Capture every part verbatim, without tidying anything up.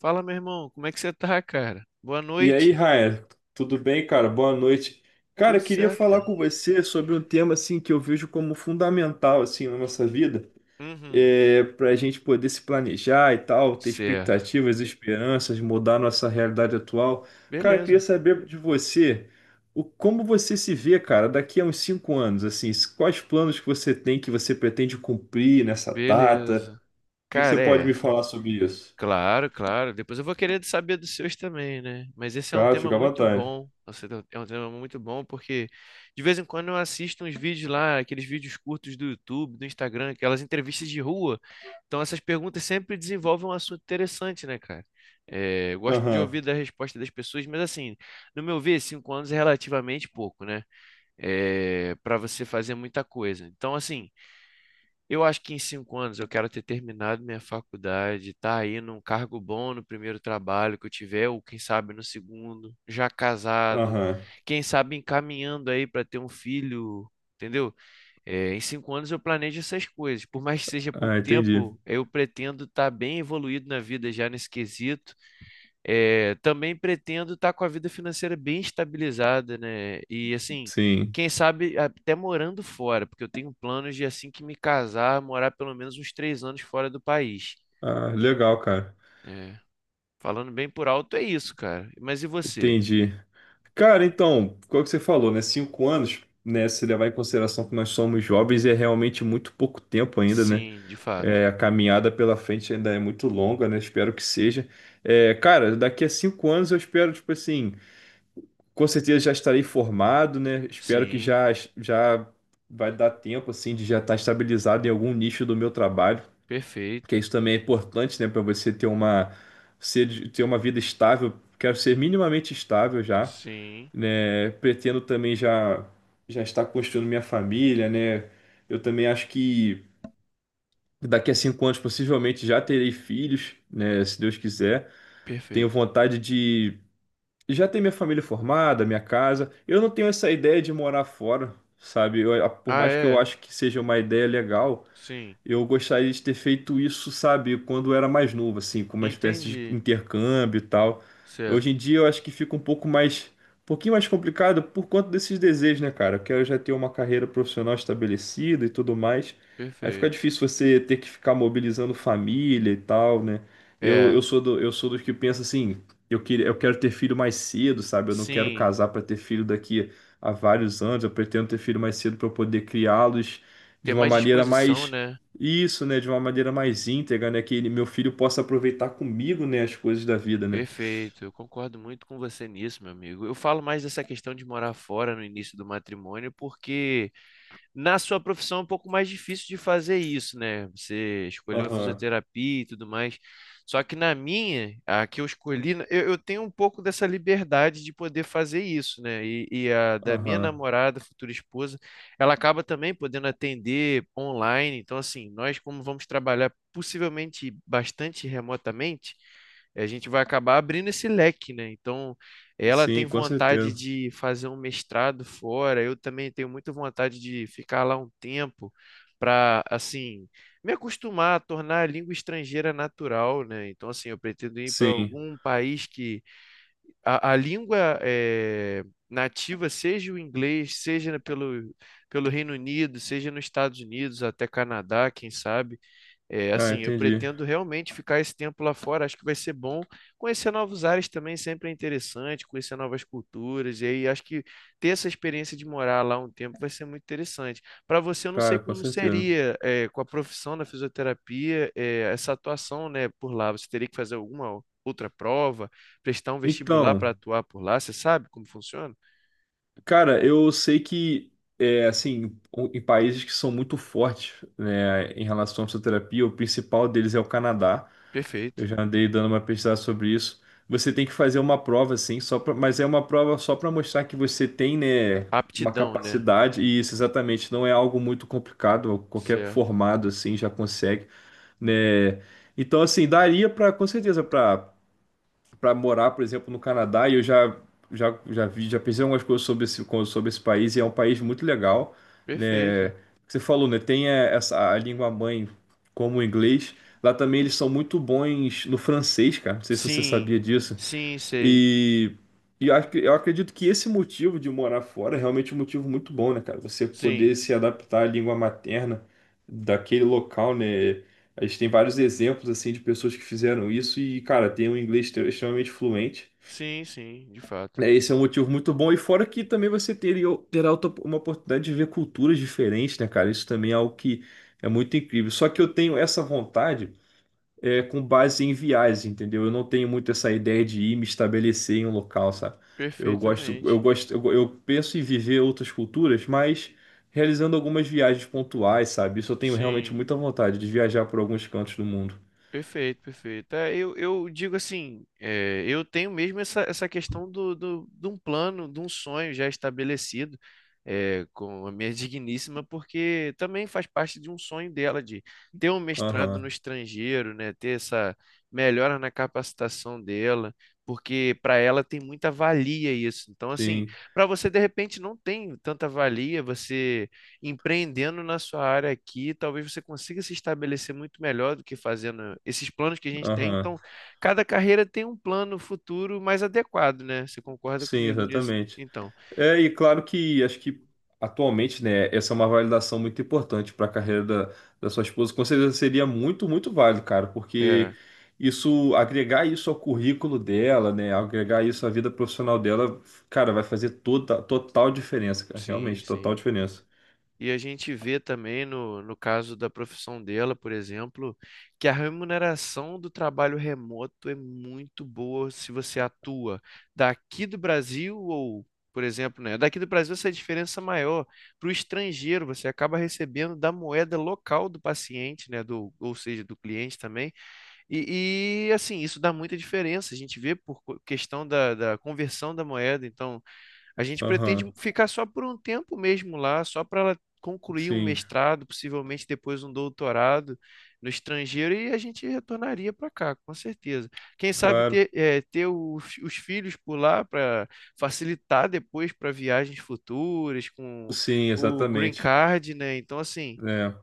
Fala, meu irmão, como é que você tá, cara? Boa E aí, noite. Raia, tudo bem, cara? Boa noite. Cara, Tudo eu queria certo, falar cara? com você sobre um tema assim que eu vejo como fundamental assim na nossa vida, Uhum, para a gente poder se planejar e tal, ter certo. expectativas, esperanças, mudar nossa realidade atual. Cara, eu queria Beleza, saber de você o como você se vê, cara, daqui a uns cinco anos, assim, quais planos que você tem que você pretende cumprir nessa data? beleza. O que que você Cara, pode me é. falar sobre isso? Claro, claro. Depois eu vou querer saber dos seus também, né? Mas esse é um Cara, tema fica à muito vontade. bom. Nossa, é um tema muito bom porque de vez em quando eu assisto uns vídeos lá, aqueles vídeos curtos do YouTube, do Instagram, aquelas entrevistas de rua. Então essas perguntas sempre desenvolvem um assunto interessante, né, cara? É, eu gosto de ouvir Aham, da resposta das pessoas, mas assim, no meu ver, cinco anos é relativamente pouco, né? É, para você fazer muita coisa. Então, assim. Eu acho que em cinco anos eu quero ter terminado minha faculdade, tá aí num cargo bom no primeiro trabalho que eu tiver, ou quem sabe no segundo, já casado, aham. quem sabe encaminhando aí para ter um filho, entendeu? É, em cinco anos eu planejo essas coisas. Por mais que seja Ah, pouco entendi. tempo, eu pretendo estar bem evoluído na vida já nesse quesito. É, também pretendo estar com a vida financeira bem estabilizada, né? E assim, Sim. quem sabe até morando fora, porque eu tenho planos de assim que me casar, morar pelo menos uns três anos fora do país. Ah, legal, cara. É, falando bem por alto, é isso, cara. Mas e você? Entendi. Cara, então, qual que você falou, né? Cinco anos, né? Se levar em consideração que nós somos jovens, é realmente muito pouco tempo ainda, né? Sim, de fato. É, a caminhada pela frente ainda é muito longa, né? Espero que seja. É, cara, daqui a cinco anos eu espero, tipo assim, com certeza já estarei formado, né? Espero que Sim, já, já vai dar tempo, assim, de já estar estabilizado em algum nicho do meu trabalho. Porque perfeito. isso também é importante, né, para você ter uma ser, ter uma vida estável. Quero ser minimamente estável já, Sim, né? Pretendo também já já estar construindo minha família, né? Eu também acho que daqui a cinco anos possivelmente já terei filhos, né? Se Deus quiser. Tenho perfeito. vontade de já ter minha família formada, minha casa. Eu não tenho essa ideia de morar fora, sabe? Eu- por Ah, mais que eu é? acho que seja uma ideia legal, Sim, eu gostaria de ter feito isso, sabe, quando eu era mais novo, assim, com uma espécie de entendi. intercâmbio e tal. Hoje em Certo, dia eu acho que fica um pouco mais, um pouquinho mais complicado por conta desses desejos, né, cara? Eu quero já ter uma carreira profissional estabelecida e tudo mais. Aí fica perfeito. difícil você ter que ficar mobilizando família e tal, né? Eu, É, eu sou do, eu sou dos que pensa assim, eu queria, eu quero ter filho mais cedo, sabe? Eu não quero sim, casar para ter filho daqui a vários anos. Eu pretendo ter filho mais cedo para eu poder criá-los de ter uma mais maneira disposição, mais né? isso, né, de uma maneira mais íntegra, né, que ele- meu filho possa aproveitar comigo, né, as coisas da vida, né? Perfeito, eu concordo muito com você nisso, meu amigo. Eu falo mais dessa questão de morar fora no início do matrimônio, porque na sua profissão é um pouco mais difícil de fazer isso, né? Você escolheu a Aham, fisioterapia e tudo mais. Só que na minha, a que eu escolhi, eu, eu tenho um pouco dessa liberdade de poder fazer isso, né? E, e a da minha aham. namorada, futura esposa, ela acaba também podendo atender online. Então, assim, nós, como vamos trabalhar possivelmente bastante remotamente, a gente vai acabar abrindo esse leque, né? Então. Ela tem Sim, com vontade certeza. de fazer um mestrado fora. Eu também tenho muita vontade de ficar lá um tempo para, assim, me acostumar a tornar a língua estrangeira natural, né? Então, assim, eu pretendo ir para Sim. algum país que a, a língua eh, nativa seja o inglês, seja pelo, pelo Reino Unido, seja nos Estados Unidos, até Canadá, quem sabe. É, Ah, assim, eu entendi. pretendo realmente ficar esse tempo lá fora, acho que vai ser bom. Conhecer novos ares também sempre é interessante, conhecer novas culturas, e aí acho que ter essa experiência de morar lá um tempo vai ser muito interessante. Para você, eu não sei Cara, com como certeza. seria, é, com a profissão da fisioterapia, é, essa atuação, né, por lá. Você teria que fazer alguma outra prova, prestar um vestibular para Então, atuar por lá, você sabe como funciona? cara, eu sei que, é, assim, o- em países que são muito fortes, né, em relação à fisioterapia, o principal deles é o Canadá. Eu Perfeito. já andei dando uma pesquisada sobre isso. Você tem que fazer uma prova, assim, só pra, mas é uma prova só para mostrar que você tem, né, uma Aptidão, né? capacidade, e isso exatamente não é algo muito complicado, qualquer Certo. formado, assim, já consegue, né. Então, assim, daria para, com certeza, para para morar, por exemplo, no Canadá, e eu já, já, já vi, já pensei em algumas coisas sobre esse, co- sobre esse país, e é um país muito legal, né? Perfeito. Você falou, né? Tem eh, essa, a língua mãe como o inglês. Lá também eles são muito bons no francês, cara. Não sei se você Sim, sabia disso. sim, sei. E, e eu, ac- eu acredito que esse motivo de morar fora é realmente um motivo muito bom, né, cara? Você Sim. poder se adaptar à língua materna daquele local, né? A gente tem vários exemplos, assim, de pessoas que fizeram isso e, cara, tem um inglês extre- extremamente fluente. Sim, sim, de fato. É, esse é um motivo muito bom. E fora que também você teria, terá outra- uma oportunidade de ver culturas diferentes, né, cara? Isso também é algo que é muito incrível. Só que eu tenho essa vontade é, com base em viagens, entendeu? Eu não tenho muito essa ideia de ir me estabelecer em um local, sabe? Eu gosto, eu Perfeitamente. gosto, eu, eu penso em viver outras culturas, mas realizando algumas viagens pontuais, sabe? Isso eu tenho realmente Sim, muita vontade de viajar por alguns cantos do mundo. perfeito, perfeito. É, eu, eu digo assim, é, eu tenho mesmo essa, essa questão do, do, de um plano, de um sonho já estabelecido é, com a minha digníssima, porque também faz parte de um sonho dela de ter um mestrado no Aham, estrangeiro, né, ter essa melhora na capacitação dela, porque para ela tem muita valia isso. Então, assim, sim, para você de repente não tem tanta valia, você empreendendo na sua área aqui, talvez você consiga se estabelecer muito melhor do que fazendo esses planos que a gente tem. aham, Então, cada carreira tem um plano futuro mais adequado, né? Você concorda sim, comigo nisso? exatamente. Então, É, e claro que acho que atualmente, né, essa é uma validação muito importante para a carreira da, da sua esposa. Com certeza seria muito, muito válido, cara, é, porque isso, agregar isso ao currículo dela, né, agregar isso à vida profissional dela, cara, vai fazer toda, total diferença, cara, sim, realmente, total sim. diferença. E a gente vê também, no, no caso da profissão dela, por exemplo, que a remuneração do trabalho remoto é muito boa se você atua daqui do Brasil ou, por exemplo, né, daqui do Brasil essa é a diferença é maior. Para o estrangeiro, você acaba recebendo da moeda local do paciente, né, do, ou seja, do cliente também. E, e, assim, isso dá muita diferença. A gente vê por co- questão da, da conversão da moeda. Então, a gente Aham, pretende ficar só por um tempo mesmo lá, só para ela concluir um sim, mestrado, possivelmente depois um doutorado no estrangeiro, e a gente retornaria para cá, com certeza. Quem sabe claro, ter, eh, ter os, os filhos por lá para facilitar depois para viagens futuras com sim, o Green exatamente. Card, né? Então, assim É,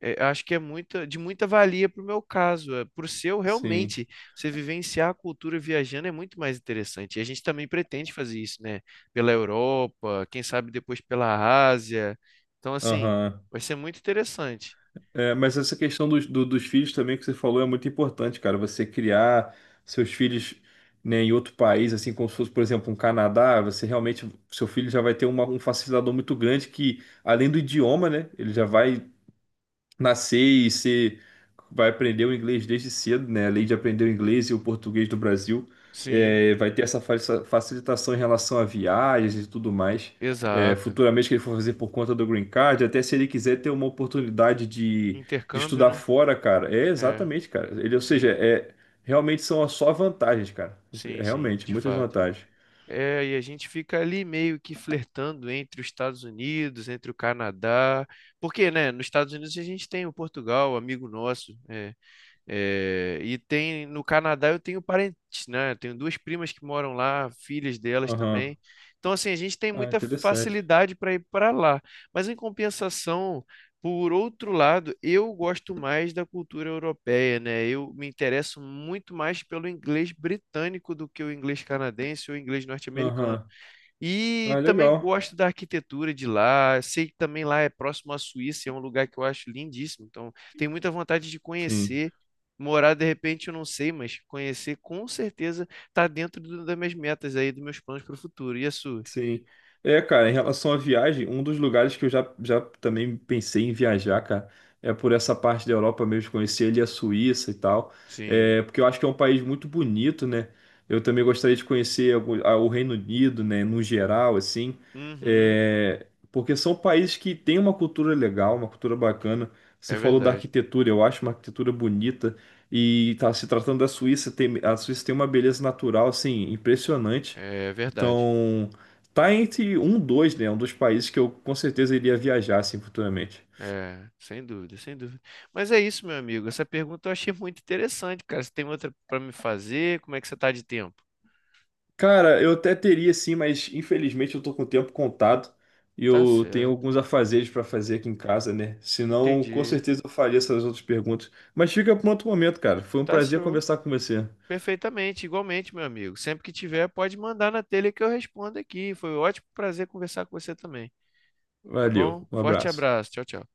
é, eu acho que é muita, de muita valia para o meu caso. É, para o seu, sim, realmente, você vivenciar a cultura viajando é muito mais interessante. E a gente também pretende fazer isso, né? Pela Europa, quem sabe depois pela Ásia. Então, assim, aham. vai ser muito interessante. É, mas essa questão dos, do- dos filhos também que você falou é muito importante, cara. Você criar seus filhos, né, em outro país, assim como se fosse, por exemplo, um Canadá, você realmente, seu filho já vai ter uma- um facilitador muito grande que, além do idioma, né, ele já vai nascer e ser, vai aprender o inglês desde cedo, né? Além de aprender o inglês e o português do Brasil, Sim, é, vai ter essa fa- facilitação em relação a viagens e tudo mais. É, exato. futuramente que ele for fazer por conta do Green Card, até se ele quiser ter uma oportunidade de, de Intercâmbio, estudar né? fora, cara. É É, exatamente, cara. Ele, ou seja, sim, é realmente são só vantagens, cara. sim, É, sim, realmente, de muitas fato. vantagens. É, e a gente fica ali meio que flertando entre os Estados Unidos, entre o Canadá, porque, né, nos Estados Unidos a gente tem o Portugal, amigo nosso, é, É, e tem no Canadá eu tenho parentes, né? Eu tenho duas primas que moram lá, filhas delas Aham. também. Então, assim, a gente tem Ah, muita interessante. facilidade para ir para lá. Mas em compensação, por outro lado, eu gosto mais da cultura europeia, né? Eu me interesso muito mais pelo inglês britânico do que o inglês canadense ou inglês norte-americano. Aham. E Ah, também legal. gosto da arquitetura de lá. Sei que também lá é próximo à Suíça, é um lugar que eu acho lindíssimo. Então, tenho muita vontade de Sim. conhecer. Morar, de repente, eu não sei, mas conhecer com certeza está dentro do- das minhas metas aí, dos meus planos para o futuro. E as suas? Sim. É, cara, em relação à viagem, um dos lugares que eu já, já também pensei em viajar, cara, é por essa parte da Europa mesmo, conhecer ali a Suíça e tal. Sim. É, porque eu acho que é um país muito bonito, né? Eu também gostaria de conhecer algum- a- o Reino Unido, né, no geral, assim. Uhum. É, porque são países que têm uma cultura legal, uma cultura bacana. Você É falou da verdade. arquitetura, eu acho uma arquitetura bonita. E tá se tratando da Suíça, tem, a Suíça tem uma beleza natural, assim, impressionante. É verdade. Então. Tá entre um, dois, né? É um dos países que eu com certeza iria viajar, assim, futuramente. É, sem dúvida, sem dúvida. Mas é isso, meu amigo. Essa pergunta eu achei muito interessante, cara. Você tem outra para me fazer? Como é que você tá de tempo? Cara, eu até teria, sim, mas infelizmente eu tô com o tempo contado e Tá eu tenho certo. alguns afazeres pra fazer aqui em casa, né? Senão, com Entendi. certeza eu faria essas outras perguntas. Mas fica para outro momento, cara. Foi um Tá prazer show. conversar com você. Perfeitamente, igualmente, meu amigo. Sempre que tiver, pode mandar na telha que eu respondo aqui. Foi um ótimo prazer conversar com você também. Tá Valeu, bom? um Forte abraço. abraço. Tchau, tchau.